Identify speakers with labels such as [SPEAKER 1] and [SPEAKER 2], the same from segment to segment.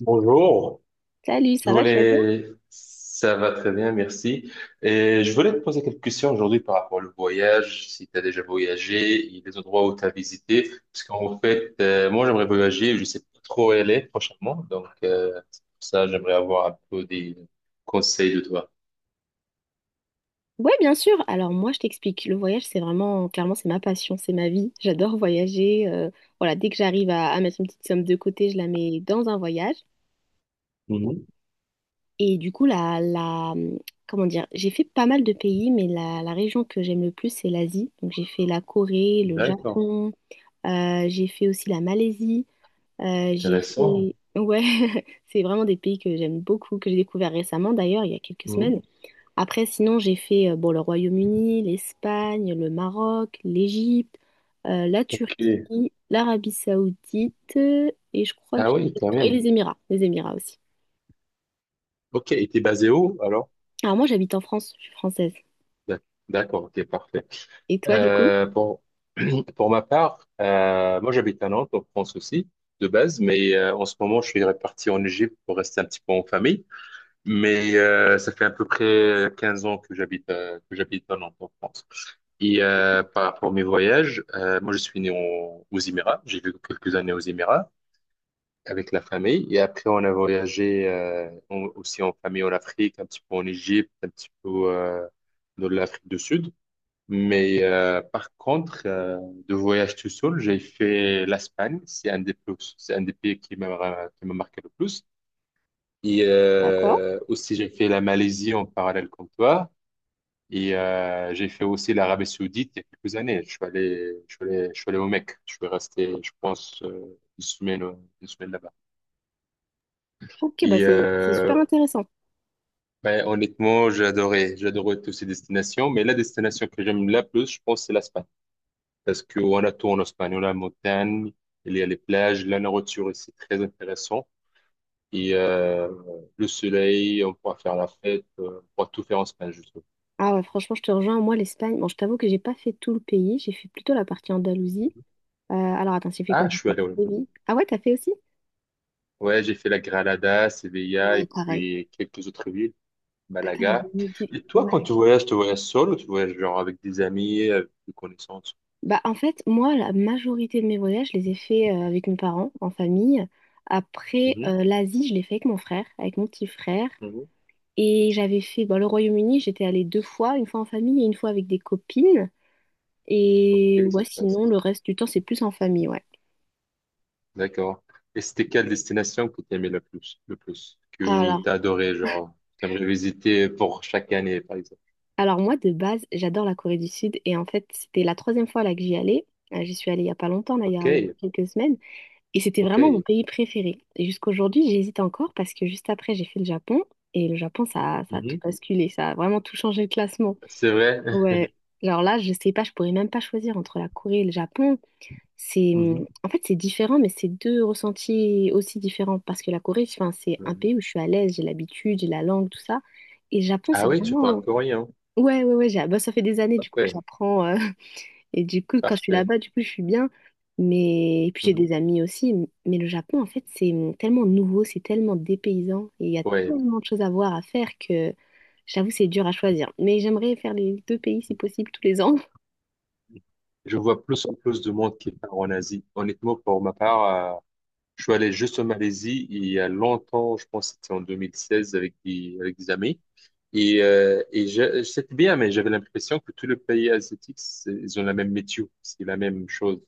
[SPEAKER 1] Bonjour,
[SPEAKER 2] Salut, ça va, tu vas bien?
[SPEAKER 1] ça va très bien, merci. Et je voulais te poser quelques questions aujourd'hui par rapport au voyage, si tu as déjà voyagé, il y a des endroits où tu as visité, parce qu'en fait, moi j'aimerais voyager, je sais pas trop où aller prochainement, donc c'est pour ça j'aimerais avoir un peu des conseils de toi.
[SPEAKER 2] Ouais, bien sûr. Alors moi, je t'explique. Le voyage, c'est vraiment, clairement, c'est ma passion, c'est ma vie. J'adore voyager. Voilà, dès que j'arrive à mettre une petite somme de côté, je la mets dans un voyage.
[SPEAKER 1] Mhm.
[SPEAKER 2] Et du coup, comment dire, j'ai fait pas mal de pays, mais la région que j'aime le plus, c'est l'Asie. Donc j'ai fait la Corée, le
[SPEAKER 1] D'accord,
[SPEAKER 2] Japon, j'ai fait aussi la Malaisie,
[SPEAKER 1] intéressant.
[SPEAKER 2] Ouais, c'est vraiment des pays que j'aime beaucoup, que j'ai découvert récemment d'ailleurs, il y a quelques
[SPEAKER 1] Mhm.
[SPEAKER 2] semaines. Après, sinon, j'ai fait bon, le Royaume-Uni, l'Espagne, le Maroc, l'Égypte, la
[SPEAKER 1] Ok,
[SPEAKER 2] Turquie, l'Arabie Saoudite et je crois que
[SPEAKER 1] ah
[SPEAKER 2] j'ai
[SPEAKER 1] oui,
[SPEAKER 2] fait le
[SPEAKER 1] quand
[SPEAKER 2] tour. Et
[SPEAKER 1] même.
[SPEAKER 2] les Émirats aussi.
[SPEAKER 1] Ok, et t'es basé où alors?
[SPEAKER 2] Alors moi, j'habite en France, je suis française.
[SPEAKER 1] D'ac- D'accord, ok, parfait.
[SPEAKER 2] Et toi, du coup?
[SPEAKER 1] Euh, pour, pour ma part, moi j'habite à Nantes, en France aussi, de base, mais en ce moment je suis reparti en Égypte pour rester un petit peu en famille. Mais ça fait à peu près 15 ans que j'habite à Nantes, en France. Et par rapport à mes voyages, moi je suis né aux Émirats, j'ai vécu quelques années aux Émirats avec la famille. Et après on a voyagé aussi en famille en Afrique, un petit peu en Égypte, un petit peu dans l'Afrique du Sud. Mais par contre, de voyage tout seul, j'ai fait l'Espagne. C'est un des pays qui m'a marqué le plus. Et
[SPEAKER 2] D'accord.
[SPEAKER 1] aussi, j'ai fait la Malaisie en parallèle comme toi. Et j'ai fait aussi l'Arabie Saoudite il y a quelques années. Je suis allé au Mecque. Je suis resté, je pense, une semaine là-bas.
[SPEAKER 2] Ok, bah
[SPEAKER 1] Et
[SPEAKER 2] c'est super intéressant.
[SPEAKER 1] ben, honnêtement, j'ai adoré toutes ces destinations. Mais la destination que j'aime la plus, je pense, c'est l'Espagne. Parce qu'on a tout en Espagne. On a la montagne, il y a les plages, la nourriture ici, très intéressant. Et le soleil, on pourra faire la fête, on pourra tout faire en Espagne, je trouve.
[SPEAKER 2] Ah ouais, franchement, je te rejoins. Moi, l'Espagne, bon, je t'avoue que j'ai pas fait tout le pays, j'ai fait plutôt la partie Andalousie. Alors attends, j'ai fait quoi?
[SPEAKER 1] Ah, je
[SPEAKER 2] J'ai
[SPEAKER 1] suis
[SPEAKER 2] fait
[SPEAKER 1] allé au...
[SPEAKER 2] Séville. Ah ouais, t'as fait aussi?
[SPEAKER 1] Ouais, j'ai fait la Granada, Sevilla
[SPEAKER 2] Ouais,
[SPEAKER 1] et
[SPEAKER 2] pareil.
[SPEAKER 1] puis quelques autres villes,
[SPEAKER 2] Attends, il y avait
[SPEAKER 1] Malaga.
[SPEAKER 2] une île du-
[SPEAKER 1] Et toi, quand
[SPEAKER 2] Ouais.
[SPEAKER 1] tu voyages seul ou tu voyages genre avec des amis, avec des connaissances?
[SPEAKER 2] Bah, en fait, moi, la majorité de mes voyages, je les ai faits avec mes parents, en famille. Après,
[SPEAKER 1] Mhm,
[SPEAKER 2] l'Asie, je l'ai fait avec mon frère, avec mon petit frère.
[SPEAKER 1] mhm.
[SPEAKER 2] Et j'avais fait bah, le Royaume-Uni, j'étais allée deux fois, une fois en famille et une fois avec des copines.
[SPEAKER 1] Ok,
[SPEAKER 2] Et
[SPEAKER 1] c'est
[SPEAKER 2] ouais, sinon,
[SPEAKER 1] intéressant.
[SPEAKER 2] le reste du temps, c'est plus en famille, ouais.
[SPEAKER 1] D'accord. Et c'était quelle destination que tu aimais le plus, que
[SPEAKER 2] Alors,
[SPEAKER 1] tu as adoré, genre, t'aimerais visiter pour chaque année, par exemple.
[SPEAKER 2] alors moi, de base, j'adore la Corée du Sud. Et en fait, c'était la troisième fois là que j'y allais. J'y suis allée il y a pas longtemps, là, il y a
[SPEAKER 1] OK,
[SPEAKER 2] quelques semaines. Et c'était vraiment mon
[SPEAKER 1] OK.
[SPEAKER 2] pays préféré. Et jusqu'aujourd'hui, j'hésite encore parce que juste après, j'ai fait le Japon. Et le Japon, ça a tout
[SPEAKER 1] Mhm.
[SPEAKER 2] basculé. Ça a vraiment tout changé le classement.
[SPEAKER 1] C'est vrai.
[SPEAKER 2] Ouais. Alors là, je sais pas, je pourrais même pas choisir entre la Corée et le Japon. C'est, En fait, c'est différent, mais c'est deux ressentis aussi différents. Parce que la Corée, enfin, c'est un
[SPEAKER 1] Mhm.
[SPEAKER 2] pays où je suis à l'aise, j'ai l'habitude, j'ai la langue, tout ça. Et le Japon,
[SPEAKER 1] Ah
[SPEAKER 2] c'est
[SPEAKER 1] oui, tu parles
[SPEAKER 2] vraiment...
[SPEAKER 1] coréen.
[SPEAKER 2] Ouais, ouais, ouais. Bah, ça fait des années, du coup, que
[SPEAKER 1] Parfait,
[SPEAKER 2] j'apprends, et du coup, quand je suis
[SPEAKER 1] parfait.
[SPEAKER 2] là-bas, du coup, je suis bien. Mais et puis j'ai
[SPEAKER 1] Mhm.
[SPEAKER 2] des amis aussi. Mais le Japon, en fait, c'est tellement nouveau, c'est tellement dépaysant. Et il y a
[SPEAKER 1] Ouais.
[SPEAKER 2] tellement de choses à voir, à faire que j'avoue, c'est dur à choisir. Mais j'aimerais faire les deux pays si possible tous les ans.
[SPEAKER 1] Je vois plus en plus de monde qui part en Asie. Honnêtement, pour ma part. Je suis allé juste en Malaisie il y a longtemps, je pense que c'était en 2016 avec des amis. Et c'était bien, mais j'avais l'impression que tous les pays asiatiques, ils ont la même météo, c'est la même chose.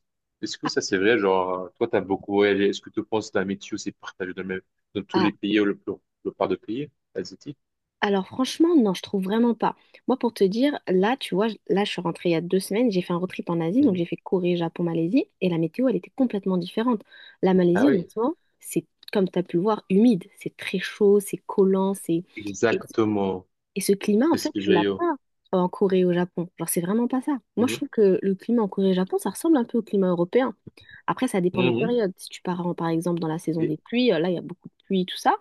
[SPEAKER 1] Est-ce que
[SPEAKER 2] Ah,
[SPEAKER 1] ça c'est vrai? Genre, toi, tu as beaucoup voyagé. Est-ce que tu penses que la météo, c'est partagé dans tous
[SPEAKER 2] ah,
[SPEAKER 1] les pays ou le part de pays asiatiques?
[SPEAKER 2] alors franchement, non, je trouve vraiment pas. Moi, pour te dire, là, tu vois, là, je suis rentrée il y a deux semaines, j'ai fait un road trip en Asie, donc
[SPEAKER 1] Mhm.
[SPEAKER 2] j'ai fait Corée, Japon, Malaisie, et la météo, elle était complètement différente. La
[SPEAKER 1] Ah
[SPEAKER 2] Malaisie,
[SPEAKER 1] oui,
[SPEAKER 2] honnêtement, c'est, comme tu as pu le voir, humide, c'est très chaud, c'est collant, c'est... Et
[SPEAKER 1] exactement.
[SPEAKER 2] Et ce climat, en
[SPEAKER 1] C'est ce
[SPEAKER 2] fait,
[SPEAKER 1] que
[SPEAKER 2] tu l'as
[SPEAKER 1] j'ai eu.
[SPEAKER 2] pas en Corée et au Japon. Genre, c'est vraiment pas ça. Moi, je
[SPEAKER 1] Mhm.
[SPEAKER 2] trouve que le climat en Corée et au Japon, ça ressemble un peu au climat européen. Après, ça dépend des
[SPEAKER 1] Mhm.
[SPEAKER 2] périodes. Si tu pars, par exemple, dans la saison
[SPEAKER 1] Oui,
[SPEAKER 2] des pluies, là, il y a beaucoup de pluie, tout ça.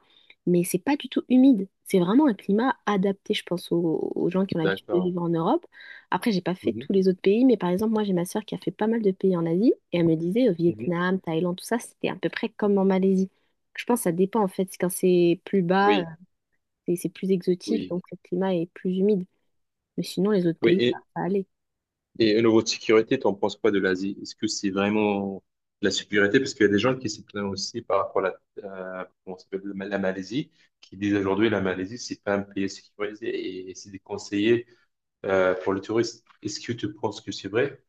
[SPEAKER 2] Mais c'est pas du tout humide. C'est vraiment un climat adapté, je pense, aux gens qui ont l'habitude de
[SPEAKER 1] d'accord.
[SPEAKER 2] vivre en Europe. Après, j'ai pas fait
[SPEAKER 1] Mhm.
[SPEAKER 2] tous les autres pays, mais par exemple, moi, j'ai ma sœur qui a fait pas mal de pays en Asie. Et elle me disait, au
[SPEAKER 1] Mhm.
[SPEAKER 2] Vietnam, Thaïlande, tout ça, c'était à peu près comme en Malaisie. Je pense que ça dépend, en fait. Quand c'est plus bas,
[SPEAKER 1] Oui,
[SPEAKER 2] c'est plus exotique,
[SPEAKER 1] oui.
[SPEAKER 2] donc le climat est plus humide. Mais sinon, les autres pays, ça
[SPEAKER 1] Oui,
[SPEAKER 2] va aller.
[SPEAKER 1] et au niveau de sécurité, t'en penses quoi de l'Asie? Est-ce que c'est vraiment de la sécurité? Parce qu'il y a des gens qui s'y plaignent aussi par rapport à comment ça s'appelle, la Malaisie, qui disent aujourd'hui la Malaisie, c'est pas un pays sécurisé et c'est déconseillé pour le tourisme. Est-ce que tu penses que c'est vrai?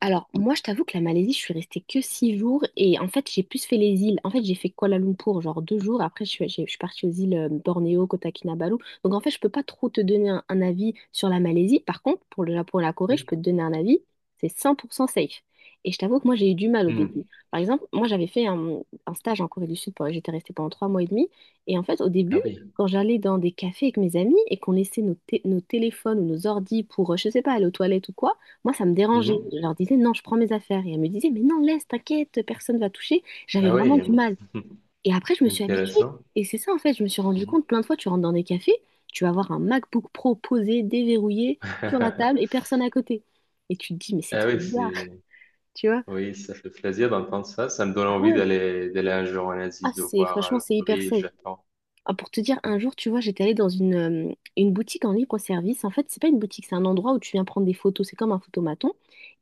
[SPEAKER 2] Alors, moi, je t'avoue que la Malaisie, je suis restée que 6 jours et en fait, j'ai plus fait les îles. En fait, j'ai fait Kuala Lumpur, genre deux jours. Après, je suis partie aux îles Bornéo, Kota Kinabalu. Donc, en fait, je peux pas trop te donner un avis sur la Malaisie. Par contre, pour le Japon et la Corée, je
[SPEAKER 1] Mhm.
[SPEAKER 2] peux te donner un avis. C'est 100% safe. Et je t'avoue que moi, j'ai eu du mal au début.
[SPEAKER 1] Mhm.
[SPEAKER 2] Par exemple, moi, un stage en Corée du Sud. J'étais restée pendant 3 mois et demi. Et en fait, au
[SPEAKER 1] Ah
[SPEAKER 2] début,
[SPEAKER 1] oui.
[SPEAKER 2] quand j'allais dans des cafés avec mes amis et qu'on laissait nos téléphones ou nos ordis pour, je sais pas, aller aux toilettes ou quoi, moi, ça me dérangeait.
[SPEAKER 1] Mhm.
[SPEAKER 2] Je leur disais, non, je prends mes affaires. Et elles me disaient, mais non, laisse, t'inquiète, personne va toucher. J'avais
[SPEAKER 1] Ah
[SPEAKER 2] vraiment
[SPEAKER 1] oui.
[SPEAKER 2] du mal. Et après, je me suis habituée.
[SPEAKER 1] Intéressant.
[SPEAKER 2] Et c'est ça, en fait, je me suis rendu
[SPEAKER 1] Mhm.
[SPEAKER 2] compte, plein de fois, tu rentres dans des cafés, tu vas voir un MacBook Pro posé, déverrouillé, sur la table et personne à côté. Et tu te dis, mais c'est
[SPEAKER 1] Ah
[SPEAKER 2] trop
[SPEAKER 1] oui,
[SPEAKER 2] bizarre,
[SPEAKER 1] c'est
[SPEAKER 2] tu vois.
[SPEAKER 1] oui, ça fait plaisir d'entendre ça. Ça me donne
[SPEAKER 2] Ah
[SPEAKER 1] envie
[SPEAKER 2] ouais,
[SPEAKER 1] d'aller un jour en
[SPEAKER 2] ah,
[SPEAKER 1] Asie, de
[SPEAKER 2] c'est,
[SPEAKER 1] voir
[SPEAKER 2] franchement,
[SPEAKER 1] le
[SPEAKER 2] c'est hyper
[SPEAKER 1] Corée et le
[SPEAKER 2] safe.
[SPEAKER 1] Japon.
[SPEAKER 2] Ah, pour te dire, un jour, tu vois, j'étais allée dans une boutique en libre-service. En fait, c'est pas une boutique, c'est un endroit où tu viens prendre des photos. C'est comme un photomaton.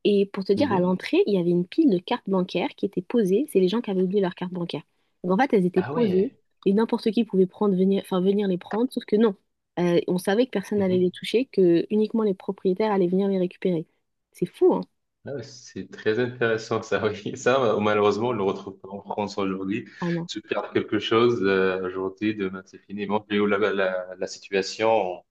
[SPEAKER 2] Et pour te dire, à
[SPEAKER 1] Mhm.
[SPEAKER 2] l'entrée, il y avait une pile de cartes bancaires qui étaient posées. C'est les gens qui avaient oublié leurs cartes bancaires. Donc, en fait, elles étaient
[SPEAKER 1] Ah
[SPEAKER 2] posées
[SPEAKER 1] ouais.
[SPEAKER 2] et n'importe qui pouvait prendre, venir, enfin, venir les prendre. Sauf que non, on savait que personne n'allait les
[SPEAKER 1] Mhm.
[SPEAKER 2] toucher, que uniquement les propriétaires allaient venir les récupérer. C'est fou, hein?
[SPEAKER 1] Ah ouais, c'est très intéressant ça, oui. Ça, malheureusement, on ne le retrouve pas en France aujourd'hui.
[SPEAKER 2] Ah non.
[SPEAKER 1] Tu perds quelque chose aujourd'hui, demain c'est fini. Moi, j'ai eu la situation,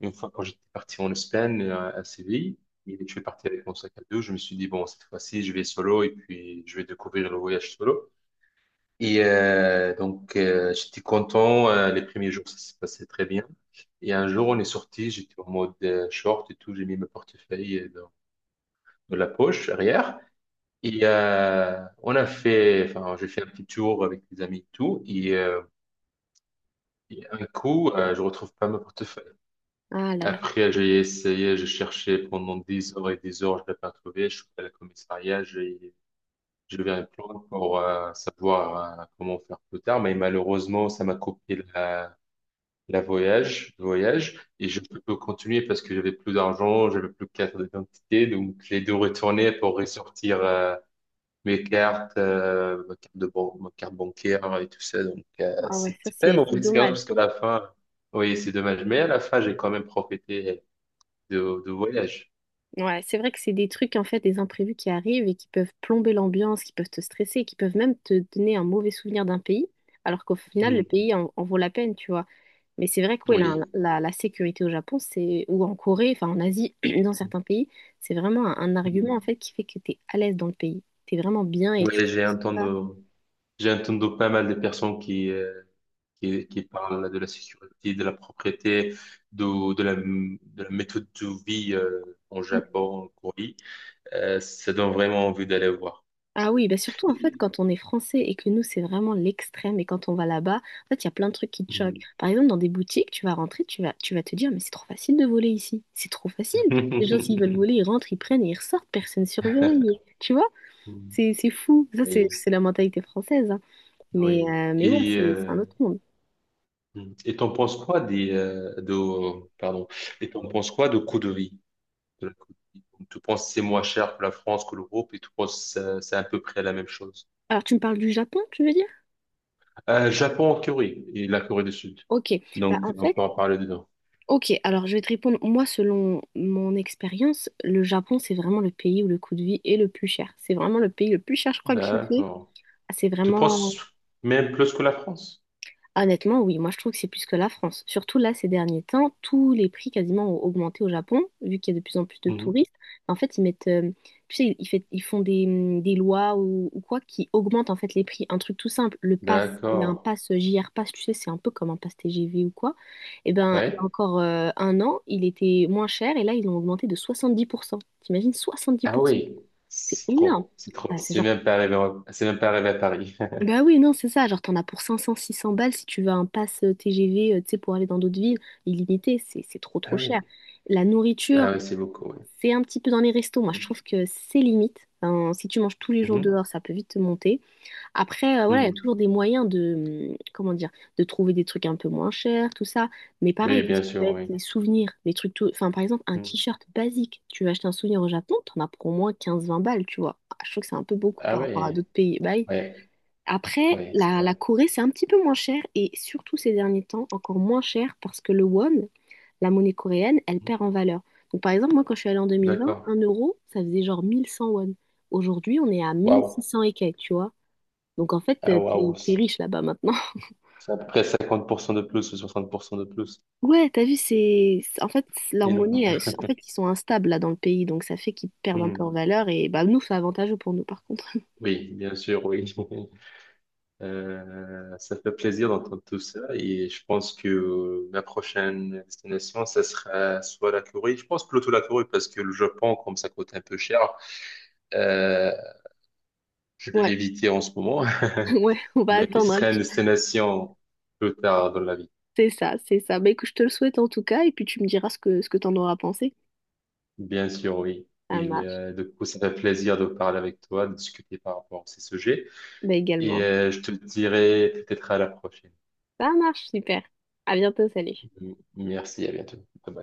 [SPEAKER 1] une fois quand j'étais parti en Espagne, à Séville, et je suis parti avec mon sac à dos, je me suis dit, bon, cette fois-ci, je vais solo et puis je vais découvrir le voyage solo. Et donc, j'étais content. Les premiers jours, ça se passait très bien. Et un jour, on est sorti, j'étais en mode short et tout, j'ai mis mon portefeuille de la poche arrière. Et on a fait, enfin, j'ai fait un petit tour avec des amis et tout. Et un coup, je retrouve pas mon portefeuille.
[SPEAKER 2] Ah là là.
[SPEAKER 1] Après, j'ai essayé, j'ai cherché pendant des heures et des heures, je l'ai pas trouvé. Je suis allé à la commissariat, j'ai levé un plan pour savoir comment faire plus tard. Mais malheureusement, ça m'a coupé le voyage. Et je peux pas continuer parce que j'avais plus d'argent, j'avais plus de carte d'identité. Donc, j'ai dû retourner pour ressortir ma carte bancaire et tout ça. Donc,
[SPEAKER 2] Ah ouais, ça
[SPEAKER 1] c'était pas une
[SPEAKER 2] c'est
[SPEAKER 1] mauvaise
[SPEAKER 2] c'est
[SPEAKER 1] expérience
[SPEAKER 2] dommage.
[SPEAKER 1] parce qu'à la fin, oui, c'est dommage. Mais à la fin, j'ai quand même profité de voyage.
[SPEAKER 2] Ouais, c'est vrai que c'est des trucs, en fait, des imprévus qui arrivent et qui peuvent plomber l'ambiance, qui peuvent te stresser, qui peuvent même te donner un mauvais souvenir d'un pays, alors qu'au final, le
[SPEAKER 1] Mm.
[SPEAKER 2] pays en vaut la peine, tu vois. Mais c'est vrai que ouais,
[SPEAKER 1] Oui.
[SPEAKER 2] la sécurité au Japon, c'est, ou en Corée, enfin en Asie, dans certains pays, c'est vraiment un argument, en
[SPEAKER 1] Mm.
[SPEAKER 2] fait, qui fait que tu es à l'aise dans le pays. Tu es vraiment bien et
[SPEAKER 1] Oui,
[SPEAKER 2] tu te
[SPEAKER 1] j'ai
[SPEAKER 2] stresses
[SPEAKER 1] entendu,
[SPEAKER 2] pas.
[SPEAKER 1] j'ai entendu pas mal de personnes qui, qui parlent de la sécurité, de la propriété, de la méthode de vie, en Japon, en Corée. Ça donne vraiment envie d'aller voir.
[SPEAKER 2] Ah oui, bah surtout en fait
[SPEAKER 1] Et-
[SPEAKER 2] quand on est français et que nous c'est vraiment l'extrême et quand on va là-bas, en fait il y a plein de trucs qui te choquent.
[SPEAKER 1] Mm.
[SPEAKER 2] Par exemple dans des boutiques, tu vas rentrer, tu vas te dire mais c'est trop facile de voler ici, c'est trop facile. Les gens s'ils veulent voler, ils rentrent, ils prennent et ils ressortent, personne surveille, tu vois? C'est fou, ça c'est
[SPEAKER 1] Oui.
[SPEAKER 2] c'est la mentalité française, hein.
[SPEAKER 1] Oui.
[SPEAKER 2] Mais ouais,
[SPEAKER 1] Et,
[SPEAKER 2] c'est un
[SPEAKER 1] euh,
[SPEAKER 2] autre monde.
[SPEAKER 1] et t'en penses quoi des de pardon. Et t'en penses quoi de coût de vie? De la coût de vie. Donc, tu penses que c'est moins cher que la France, que l'Europe, et tu penses que c'est à peu près la même chose.
[SPEAKER 2] Alors tu me parles du Japon, tu veux dire?
[SPEAKER 1] Japon en Corée et la Corée du Sud.
[SPEAKER 2] Ok, bah
[SPEAKER 1] Donc
[SPEAKER 2] en
[SPEAKER 1] on
[SPEAKER 2] fait
[SPEAKER 1] peut en parler dedans.
[SPEAKER 2] Ok, alors je vais te répondre. Moi, selon mon expérience, le Japon, c'est vraiment le pays où le coût de vie est le plus cher. C'est vraiment le pays le plus cher, je crois, que j'ai fait.
[SPEAKER 1] D'accord.
[SPEAKER 2] Ah, c'est
[SPEAKER 1] Tu
[SPEAKER 2] vraiment.
[SPEAKER 1] penses même plus que la France?
[SPEAKER 2] Honnêtement, oui, moi je trouve que c'est plus que la France. Surtout là, ces derniers temps, tous les prix quasiment ont augmenté au Japon, vu qu'il y a de plus en plus de
[SPEAKER 1] Mhm.
[SPEAKER 2] touristes. En fait, tu sais, ils font des lois ou quoi qui augmentent en fait les prix. Un truc tout simple, il y a un
[SPEAKER 1] D'accord.
[SPEAKER 2] pass JR Pass, tu sais, c'est un peu comme un pass TGV ou quoi. Et ben, il y a
[SPEAKER 1] Ouais.
[SPEAKER 2] encore un an, il était moins cher et là, ils l'ont augmenté de 70%. T'imagines,
[SPEAKER 1] Ah
[SPEAKER 2] 70%.
[SPEAKER 1] oui.
[SPEAKER 2] C'est
[SPEAKER 1] C'est
[SPEAKER 2] énorme.
[SPEAKER 1] trop. C'est trop.
[SPEAKER 2] Ah, c'est
[SPEAKER 1] C'est
[SPEAKER 2] genre,
[SPEAKER 1] même pas arrivé. C'est même pas arrivé à Paris.
[SPEAKER 2] bah Oui, non, c'est ça. Genre, t'en as pour 500, 600 balles si tu veux un pass TGV, tu sais, pour aller dans d'autres villes, illimité. C'est trop, trop
[SPEAKER 1] Ah
[SPEAKER 2] cher.
[SPEAKER 1] oui.
[SPEAKER 2] La nourriture,
[SPEAKER 1] Ah oui, c'est beaucoup.
[SPEAKER 2] c'est un petit peu dans les restos. Moi, je
[SPEAKER 1] Oui.
[SPEAKER 2] trouve que c'est limite. Enfin, si tu manges tous les jours
[SPEAKER 1] Mhm.
[SPEAKER 2] dehors, ça peut vite te monter. Après, voilà, il y a
[SPEAKER 1] Mhm.
[SPEAKER 2] toujours des moyens de, comment dire, de trouver des trucs un peu moins chers, tout ça. Mais
[SPEAKER 1] Oui,
[SPEAKER 2] pareil, tout ce
[SPEAKER 1] bien
[SPEAKER 2] qui va
[SPEAKER 1] sûr,
[SPEAKER 2] être
[SPEAKER 1] oui.
[SPEAKER 2] les souvenirs, les trucs tout... Enfin, par exemple, un
[SPEAKER 1] Mm.
[SPEAKER 2] t-shirt basique. Tu veux acheter un souvenir au Japon, t'en as pour au moins 15-20 balles, tu vois. Ah, je trouve que c'est un peu beaucoup
[SPEAKER 1] Ah
[SPEAKER 2] par rapport à
[SPEAKER 1] oui,
[SPEAKER 2] d'autres pays. Bah, oui.
[SPEAKER 1] ouais,
[SPEAKER 2] Après,
[SPEAKER 1] ouais c'est
[SPEAKER 2] la
[SPEAKER 1] vrai.
[SPEAKER 2] Corée, c'est un petit peu moins cher et surtout ces derniers temps, encore moins cher parce que le won, la monnaie coréenne, elle
[SPEAKER 1] Mm.
[SPEAKER 2] perd en valeur. Donc par exemple, moi quand je suis allée en 2020,
[SPEAKER 1] D'accord.
[SPEAKER 2] un euro, ça faisait genre 1100 won. Aujourd'hui, on est à
[SPEAKER 1] Waouh.
[SPEAKER 2] 1600 et quelques, tu vois. Donc en fait,
[SPEAKER 1] Ah waouh.
[SPEAKER 2] t'es riche là-bas maintenant.
[SPEAKER 1] C'est à peu près 50% de plus ou 60% de plus.
[SPEAKER 2] Ouais, t'as vu, c'est... En fait,
[SPEAKER 1] Énorme.
[SPEAKER 2] en fait, ils sont instables là dans le pays, donc ça fait qu'ils perdent un peu en
[SPEAKER 1] Mm.
[SPEAKER 2] valeur et bah nous, c'est avantageux pour nous par contre.
[SPEAKER 1] Oui, bien sûr, oui. Ça fait plaisir d'entendre tout ça et je pense que la prochaine destination, ça sera soit la Corée. Je pense plutôt la Corée parce que le Japon, comme ça coûte un peu cher, euh, je vais
[SPEAKER 2] Ouais,
[SPEAKER 1] l'éviter en ce moment,
[SPEAKER 2] ouais, on va
[SPEAKER 1] mais ce
[SPEAKER 2] attendre un
[SPEAKER 1] serait une
[SPEAKER 2] petit.
[SPEAKER 1] destination plus tard dans la vie.
[SPEAKER 2] C'est ça, c'est ça. Bah écoute, je te le souhaite en tout cas, et puis tu me diras ce que t'en auras pensé.
[SPEAKER 1] Bien sûr, oui.
[SPEAKER 2] Ça
[SPEAKER 1] Et
[SPEAKER 2] marche.
[SPEAKER 1] du coup, ça fait plaisir de parler avec toi, de discuter par rapport à ces sujets.
[SPEAKER 2] Bah également.
[SPEAKER 1] Et je te dirai peut-être à la prochaine.
[SPEAKER 2] Ça marche, super. À bientôt, salut.
[SPEAKER 1] Merci, à bientôt. Bye bye.